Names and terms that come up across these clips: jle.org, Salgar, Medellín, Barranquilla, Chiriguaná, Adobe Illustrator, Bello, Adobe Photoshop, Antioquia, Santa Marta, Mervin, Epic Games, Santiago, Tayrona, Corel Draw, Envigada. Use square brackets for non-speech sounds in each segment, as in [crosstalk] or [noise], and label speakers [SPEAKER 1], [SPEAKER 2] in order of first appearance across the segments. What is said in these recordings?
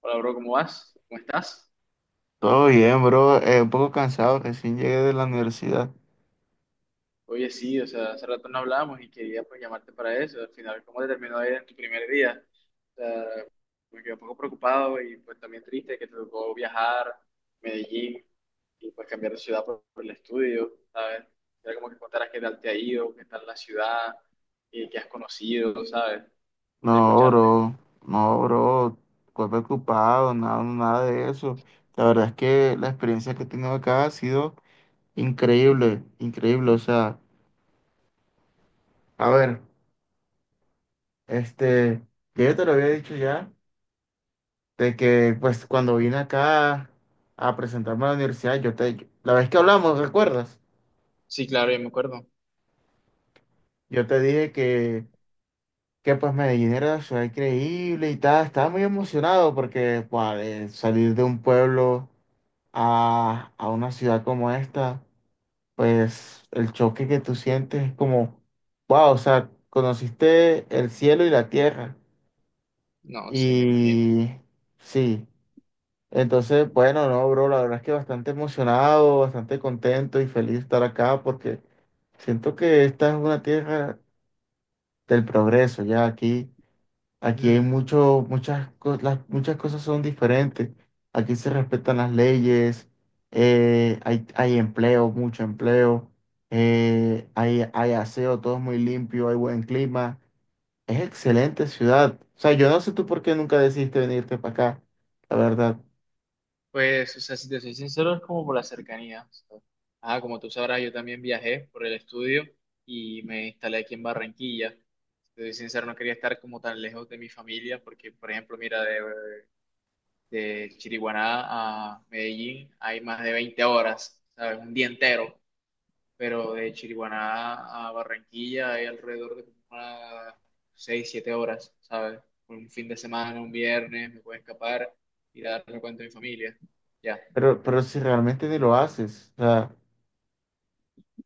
[SPEAKER 1] Hola, bro, ¿cómo vas? ¿Cómo estás?
[SPEAKER 2] Todo bien, bro. Un poco cansado, recién llegué de la universidad.
[SPEAKER 1] Oye, sí, o sea, hace rato no hablábamos y quería pues llamarte para eso. Al final, ¿cómo te terminó de ir en tu primer día? O sea, me quedé un poco preocupado y pues también triste que te tocó viajar a Medellín y pues cambiar de ciudad por el estudio, ¿sabes? Era como que contaras qué tal te ha ido, qué tal la ciudad y qué has conocido, ¿sabes? Quería
[SPEAKER 2] No,
[SPEAKER 1] escucharte.
[SPEAKER 2] bro, no, bro. Cuerpo ocupado, nada, nada de eso. La verdad es que la experiencia que he tenido acá ha sido increíble, increíble. O sea, a ver, este, yo te lo había dicho ya, de que pues cuando vine acá a presentarme a la universidad, la vez que hablamos, ¿recuerdas?
[SPEAKER 1] Sí, claro, yo me acuerdo.
[SPEAKER 2] Yo te dije que pues Medellín era una ciudad increíble y tal. Estaba muy emocionado porque pues, salir de un pueblo a una ciudad como esta, pues el choque que tú sientes es como, wow, o sea, conociste el cielo y la tierra.
[SPEAKER 1] No, sí, me imagino.
[SPEAKER 2] Y sí, entonces, bueno, no, bro, la verdad es que bastante emocionado, bastante contento y feliz de estar acá porque siento que esta es una tierra del progreso, ya aquí. Aquí hay
[SPEAKER 1] Mm.
[SPEAKER 2] mucho, muchas, las, muchas cosas son diferentes. Aquí se respetan las leyes, hay empleo, mucho empleo, hay aseo, todo es muy limpio, hay buen clima. Es excelente ciudad. O sea, yo no sé tú por qué nunca decidiste venirte para acá, la verdad.
[SPEAKER 1] Pues, o sea, si te soy sincero, es como por la cercanía. O sea, ah, como tú sabrás, yo también viajé por el estudio y me instalé aquí en Barranquilla. Si te soy sincero, no quería estar como tan lejos de mi familia porque, por ejemplo, mira, de Chiriguaná a Medellín hay más de 20 horas, ¿sabes? Un día entero. Pero de Chiriguaná a Barranquilla hay alrededor de como unas 6 7 horas, ¿sabes? Un fin de semana, un viernes, me puedo escapar y darme cuenta de mi familia. Ya.
[SPEAKER 2] Pero si realmente ni lo haces, o sea,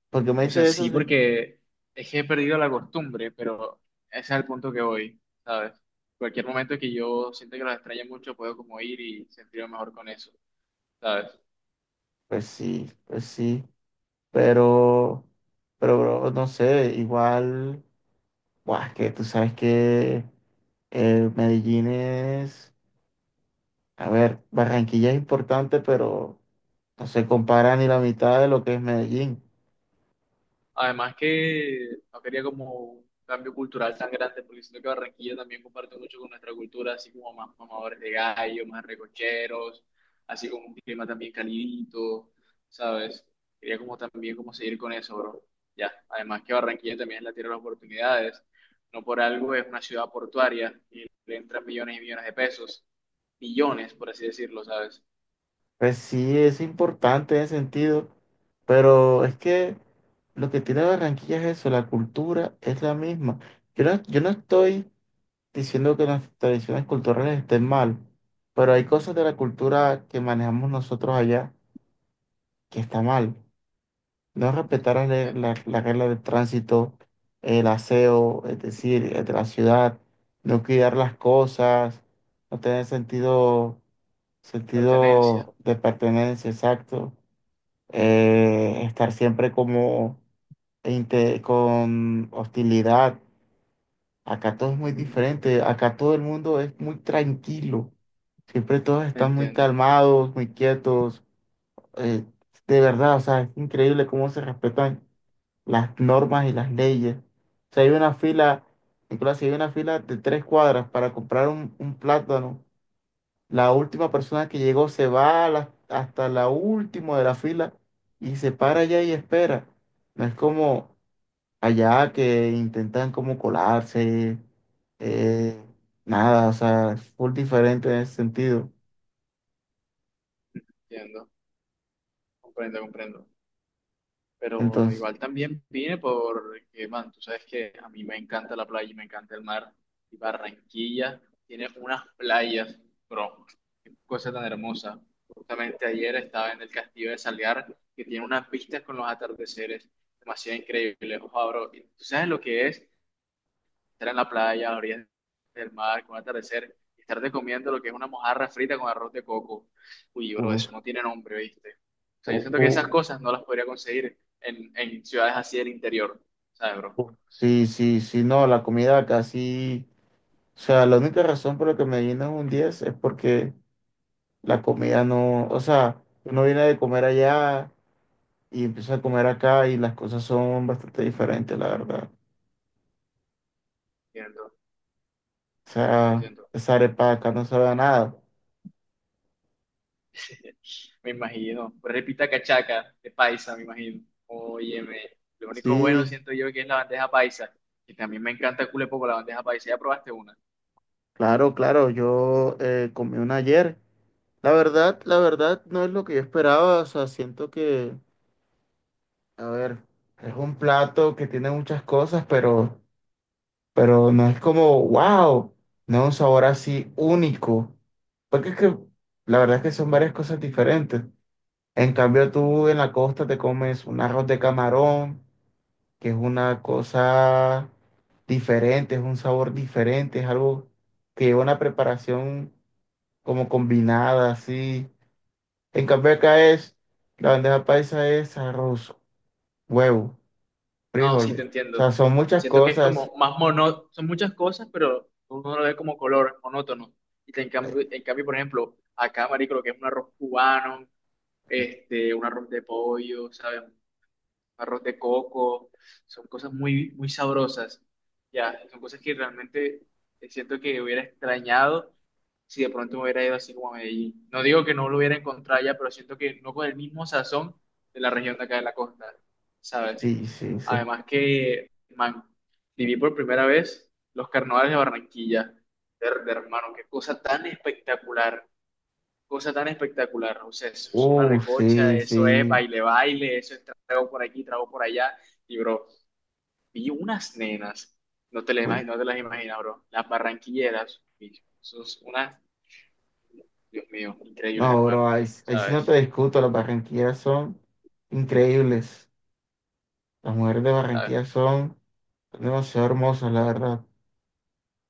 [SPEAKER 2] porque me
[SPEAKER 1] O sea,
[SPEAKER 2] dices eso,
[SPEAKER 1] sí,
[SPEAKER 2] sí.
[SPEAKER 1] porque es que he perdido la costumbre, pero ese es el punto que voy, ¿sabes? Cualquier momento que yo sienta que los extrañe mucho, puedo como ir y sentirme mejor con eso, ¿sabes?
[SPEAKER 2] Pues sí, pues sí, pero, pero bro, no sé, igual. Buah, es que tú sabes que Medellín es, a ver, Barranquilla es importante, pero no se compara ni la mitad de lo que es Medellín.
[SPEAKER 1] Además que no quería como un cambio cultural tan grande, porque siento que Barranquilla también comparte mucho con nuestra cultura, así como más mamadores de gallo, más recocheros, así como un clima también calidito, ¿sabes? Quería como también como seguir con eso, bro. Ya, además que Barranquilla también es la tierra de las oportunidades, no por algo es una ciudad portuaria y le entran millones y millones de pesos, millones, por así decirlo, ¿sabes?
[SPEAKER 2] Pues sí, es importante en ese sentido, pero es que lo que tiene Barranquilla es eso, la cultura es la misma. Yo no estoy diciendo que las tradiciones culturales estén mal, pero hay cosas de la cultura que manejamos nosotros allá que está mal. No respetar la, le-
[SPEAKER 1] Bien,
[SPEAKER 2] la- la regla de tránsito, el aseo, es decir, de la ciudad, no cuidar las cosas, no tener sentido,
[SPEAKER 1] pertenencia.
[SPEAKER 2] sentido de pertenencia, exacto, estar siempre como con hostilidad. Acá todo es muy
[SPEAKER 1] Mm.
[SPEAKER 2] diferente, acá todo el mundo es muy tranquilo, siempre todos están muy
[SPEAKER 1] Entiendo,
[SPEAKER 2] calmados, muy quietos, eh, de verdad, o sea, es increíble cómo se respetan las normas y las leyes. Si hay una fila, Nicolás, si hay una fila de 3 cuadras para comprar un plátano, la última persona que llegó se va hasta la última de la fila y se para allá y espera. No es como allá que intentan como colarse, eh, nada, o sea, es full diferente en ese sentido.
[SPEAKER 1] entiendo, comprendo, comprendo. Pero
[SPEAKER 2] Entonces,
[SPEAKER 1] igual también vine porque, man, tú sabes que a mí me encanta la playa y me encanta el mar. Y Barranquilla tiene unas playas, bro, qué cosa tan hermosa. Justamente ayer estaba en el castillo de Salgar, que tiene unas vistas con los atardeceres demasiado increíbles, ojo, bro. Y tú sabes lo que es estar en la playa, a la orilla del mar, con el atardecer, y estarte comiendo lo que es una mojarra frita con arroz de coco. Uy, bro,
[SPEAKER 2] uf,
[SPEAKER 1] eso no tiene nombre, ¿viste? O sea, yo
[SPEAKER 2] uf,
[SPEAKER 1] siento que esas
[SPEAKER 2] uf,
[SPEAKER 1] cosas no las podría conseguir en ciudades así del interior, ¿sabes, bro?
[SPEAKER 2] uf. Sí, sí, sí, no, la comida casi. O sea, la única razón por la que Medellín es un 10 es porque la comida no, o sea, uno viene de comer allá y empieza a comer acá y las cosas son bastante diferentes, la verdad.
[SPEAKER 1] Siento,
[SPEAKER 2] O
[SPEAKER 1] siento, siento.
[SPEAKER 2] sea,
[SPEAKER 1] siento.
[SPEAKER 2] esa arepa de acá no sabe a nada.
[SPEAKER 1] [laughs] Me imagino. Pues Repita cachaca de paisa, me imagino. Óyeme, lo único bueno
[SPEAKER 2] Sí,
[SPEAKER 1] siento yo que es la bandeja paisa, que también me encanta culepo con la bandeja paisa. ¿Ya probaste una?
[SPEAKER 2] claro, claro, yo comí una ayer. La verdad no es lo que yo esperaba, o sea, siento que, a ver, es un plato que tiene muchas cosas, pero no es como, wow, no, un sabor así único. Porque es que la verdad es que son varias cosas diferentes. En cambio, tú en la costa te comes un arroz de camarón, que es una cosa diferente, es un sabor diferente, es algo que lleva una preparación como combinada, así. En cambio, acá es, la bandeja paisa es arroz, huevo,
[SPEAKER 1] No, sí, te
[SPEAKER 2] frijoles. O
[SPEAKER 1] entiendo.
[SPEAKER 2] sea, son muchas
[SPEAKER 1] Siento que es
[SPEAKER 2] cosas.
[SPEAKER 1] como más monótono, son muchas cosas, pero uno lo ve como color, monótono. Y
[SPEAKER 2] Ay,
[SPEAKER 1] en cambio, por ejemplo, acá, marico, lo que es un arroz cubano, este, un arroz de pollo, ¿sabes? Un arroz de coco, son cosas muy, muy sabrosas. Ya, son cosas que realmente siento que hubiera extrañado si de pronto me hubiera ido así como a Medellín. No digo que no lo hubiera encontrado ya, pero siento que no con el mismo sazón de la región de acá de la costa, ¿sabes?
[SPEAKER 2] sí, sí, sí.
[SPEAKER 1] Además que, man, viví por primera vez los carnavales de Barranquilla. Verde, hermano, qué cosa tan espectacular, cosa tan espectacular. O sea, eso es una recocha,
[SPEAKER 2] Sí,
[SPEAKER 1] eso es
[SPEAKER 2] sí.
[SPEAKER 1] baile, baile, eso es trago por aquí, trago por allá. Y, bro, vi unas nenas,
[SPEAKER 2] Uy,
[SPEAKER 1] no te las imaginas, bro, las barranquilleras. Y eso es unas, Dios mío, increíbles,
[SPEAKER 2] no,
[SPEAKER 1] hermano,
[SPEAKER 2] bro, ahí, ahí sí no te
[SPEAKER 1] ¿sabes?
[SPEAKER 2] discuto. Las barranquillas son increíbles. Las mujeres de Barranquilla son demasiado hermosas, la verdad.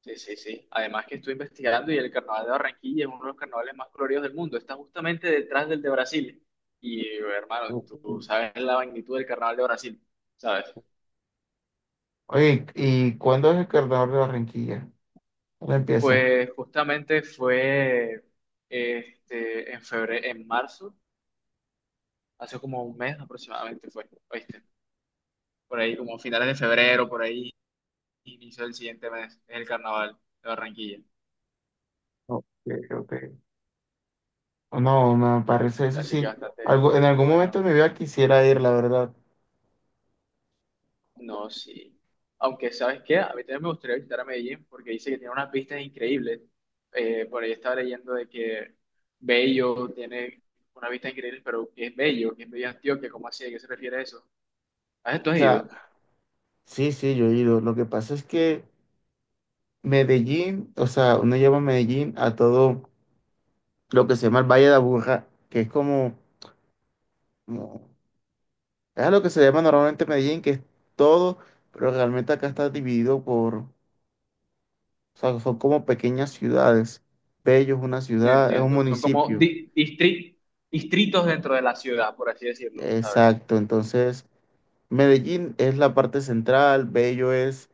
[SPEAKER 1] Sí, sí, sí. Además que estoy investigando y el carnaval de Barranquilla es uno de los carnavales más coloridos del mundo. Está justamente detrás del de Brasil. Y hermano, tú sabes la magnitud del carnaval de Brasil, ¿sabes?
[SPEAKER 2] Oye, ¿y cuándo es el carnaval de Barranquilla? ¿Cuándo empieza?
[SPEAKER 1] Pues justamente fue en febrero, en marzo, hace como un mes aproximadamente fue, ¿oíste? Por ahí como finales de febrero, por ahí inicio del siguiente mes, es el carnaval de Barranquilla.
[SPEAKER 2] Ok, ok. No, me parece eso
[SPEAKER 1] Así que
[SPEAKER 2] sí.
[SPEAKER 1] bastante,
[SPEAKER 2] Algo, en
[SPEAKER 1] qué
[SPEAKER 2] algún momento
[SPEAKER 1] bueno.
[SPEAKER 2] de mi vida quisiera ir, la verdad. O
[SPEAKER 1] No, sí. Aunque, ¿sabes qué? A mí también me gustaría visitar a Medellín porque dice que tiene unas vistas increíbles. Por ahí estaba leyendo de que Bello tiene una vista increíble, pero ¿qué es Bello? ¿Qué es Bello Antioquia? ¿Cómo así? ¿A qué se refiere eso? ¿A esto has
[SPEAKER 2] sea,
[SPEAKER 1] ido?
[SPEAKER 2] sí, sí, yo he ido. Lo que pasa es que Medellín, o sea, uno lleva a Medellín a todo. Lo que se llama el Valle de Aburrá, que es como- es a lo que se llama normalmente Medellín, que es todo, pero realmente acá está dividido por, o sea, son como pequeñas ciudades. Bello es una
[SPEAKER 1] No
[SPEAKER 2] ciudad, es un
[SPEAKER 1] entiendo. Son como
[SPEAKER 2] municipio.
[SPEAKER 1] distritos dentro de la ciudad, por así decirlo, ¿sabes?
[SPEAKER 2] Exacto, entonces Medellín es la parte central, Bello es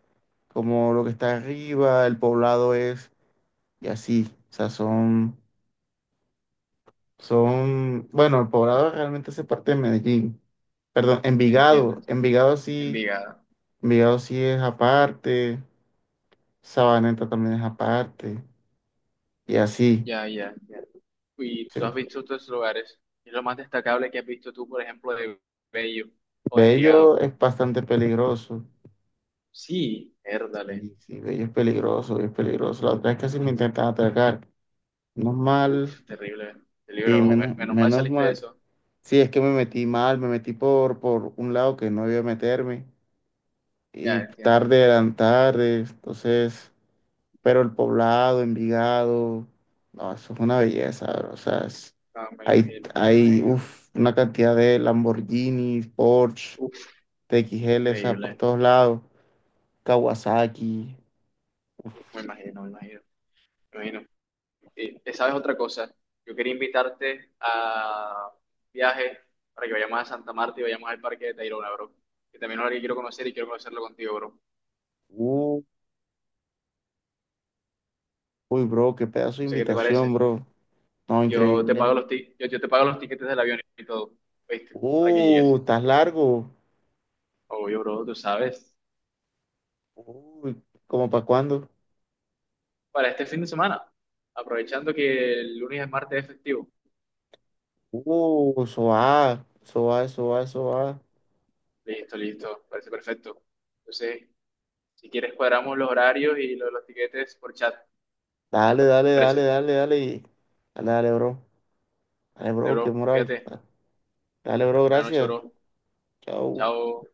[SPEAKER 2] como lo que está arriba, el poblado es, y así, o sea, bueno, el poblado realmente hace parte de Medellín. Perdón,
[SPEAKER 1] Entiendo.
[SPEAKER 2] Envigado.
[SPEAKER 1] Entiendo.
[SPEAKER 2] Envigado sí
[SPEAKER 1] Envigada.
[SPEAKER 2] Vigado sí es aparte, Sabaneta también es aparte, y así.
[SPEAKER 1] Ya, ya, ya. ¿Y
[SPEAKER 2] Sí.
[SPEAKER 1] tú has visto estos lugares? ¿Qué es lo más destacable que has visto tú, por ejemplo, de Bello o de
[SPEAKER 2] Bello
[SPEAKER 1] Envigado?
[SPEAKER 2] es bastante peligroso.
[SPEAKER 1] Sí, érdale.
[SPEAKER 2] Sí, sí, Bello es peligroso, Bello es peligroso. La otra vez casi me intentan atracar. Menos mal,
[SPEAKER 1] Uf, terrible. El
[SPEAKER 2] sí,
[SPEAKER 1] libro,
[SPEAKER 2] menos,
[SPEAKER 1] menos mal
[SPEAKER 2] menos
[SPEAKER 1] saliste de
[SPEAKER 2] mal.
[SPEAKER 1] eso.
[SPEAKER 2] Sí, es que me metí mal, me metí por un lado que no debía meterme, y
[SPEAKER 1] Ya entiendo.
[SPEAKER 2] tarde eran tarde, entonces. Pero el Poblado, Envigado, no, eso es una belleza, bro. O sea,
[SPEAKER 1] No, me
[SPEAKER 2] hay,
[SPEAKER 1] imagino, me
[SPEAKER 2] hay
[SPEAKER 1] imagino.
[SPEAKER 2] uf, una cantidad de Lamborghini, Porsche,
[SPEAKER 1] Uf,
[SPEAKER 2] TXL, o sea, por
[SPEAKER 1] increíble.
[SPEAKER 2] todos lados, Kawasaki.
[SPEAKER 1] Me imagino, me imagino. Me imagino. ¿Sabes otra cosa? Yo quería invitarte a un viaje para que vayamos a Santa Marta y vayamos al Parque de Tayrona, bro. Que también es algo que quiero conocer y quiero conocerlo contigo, bro.
[SPEAKER 2] Uh, uy, bro, qué pedazo de
[SPEAKER 1] No sé qué te
[SPEAKER 2] invitación,
[SPEAKER 1] parece.
[SPEAKER 2] bro. No,
[SPEAKER 1] Yo te
[SPEAKER 2] increíble.
[SPEAKER 1] pago los ti- yo, yo te pago los tiquetes del avión y todo. ¿Viste? Para que llegues.
[SPEAKER 2] Estás largo.
[SPEAKER 1] Obvio, bro, tú sabes.
[SPEAKER 2] Uy, ¿cómo para cuándo?
[SPEAKER 1] Para este fin de semana, aprovechando que el lunes es martes es festivo.
[SPEAKER 2] Eso va, eso va, eso va, eso va.
[SPEAKER 1] Listo, listo, parece perfecto. Entonces, si quieres cuadramos los horarios y lo de los tiquetes por chat.
[SPEAKER 2] Dale, dale, dale,
[SPEAKER 1] Parece.
[SPEAKER 2] dale, dale. Dale, dale, bro. Dale,
[SPEAKER 1] Vale,
[SPEAKER 2] bro, qué
[SPEAKER 1] bro,
[SPEAKER 2] moral.
[SPEAKER 1] cuídate.
[SPEAKER 2] Dale, bro,
[SPEAKER 1] Buenas noches,
[SPEAKER 2] gracias.
[SPEAKER 1] bro.
[SPEAKER 2] Chao.
[SPEAKER 1] Chao.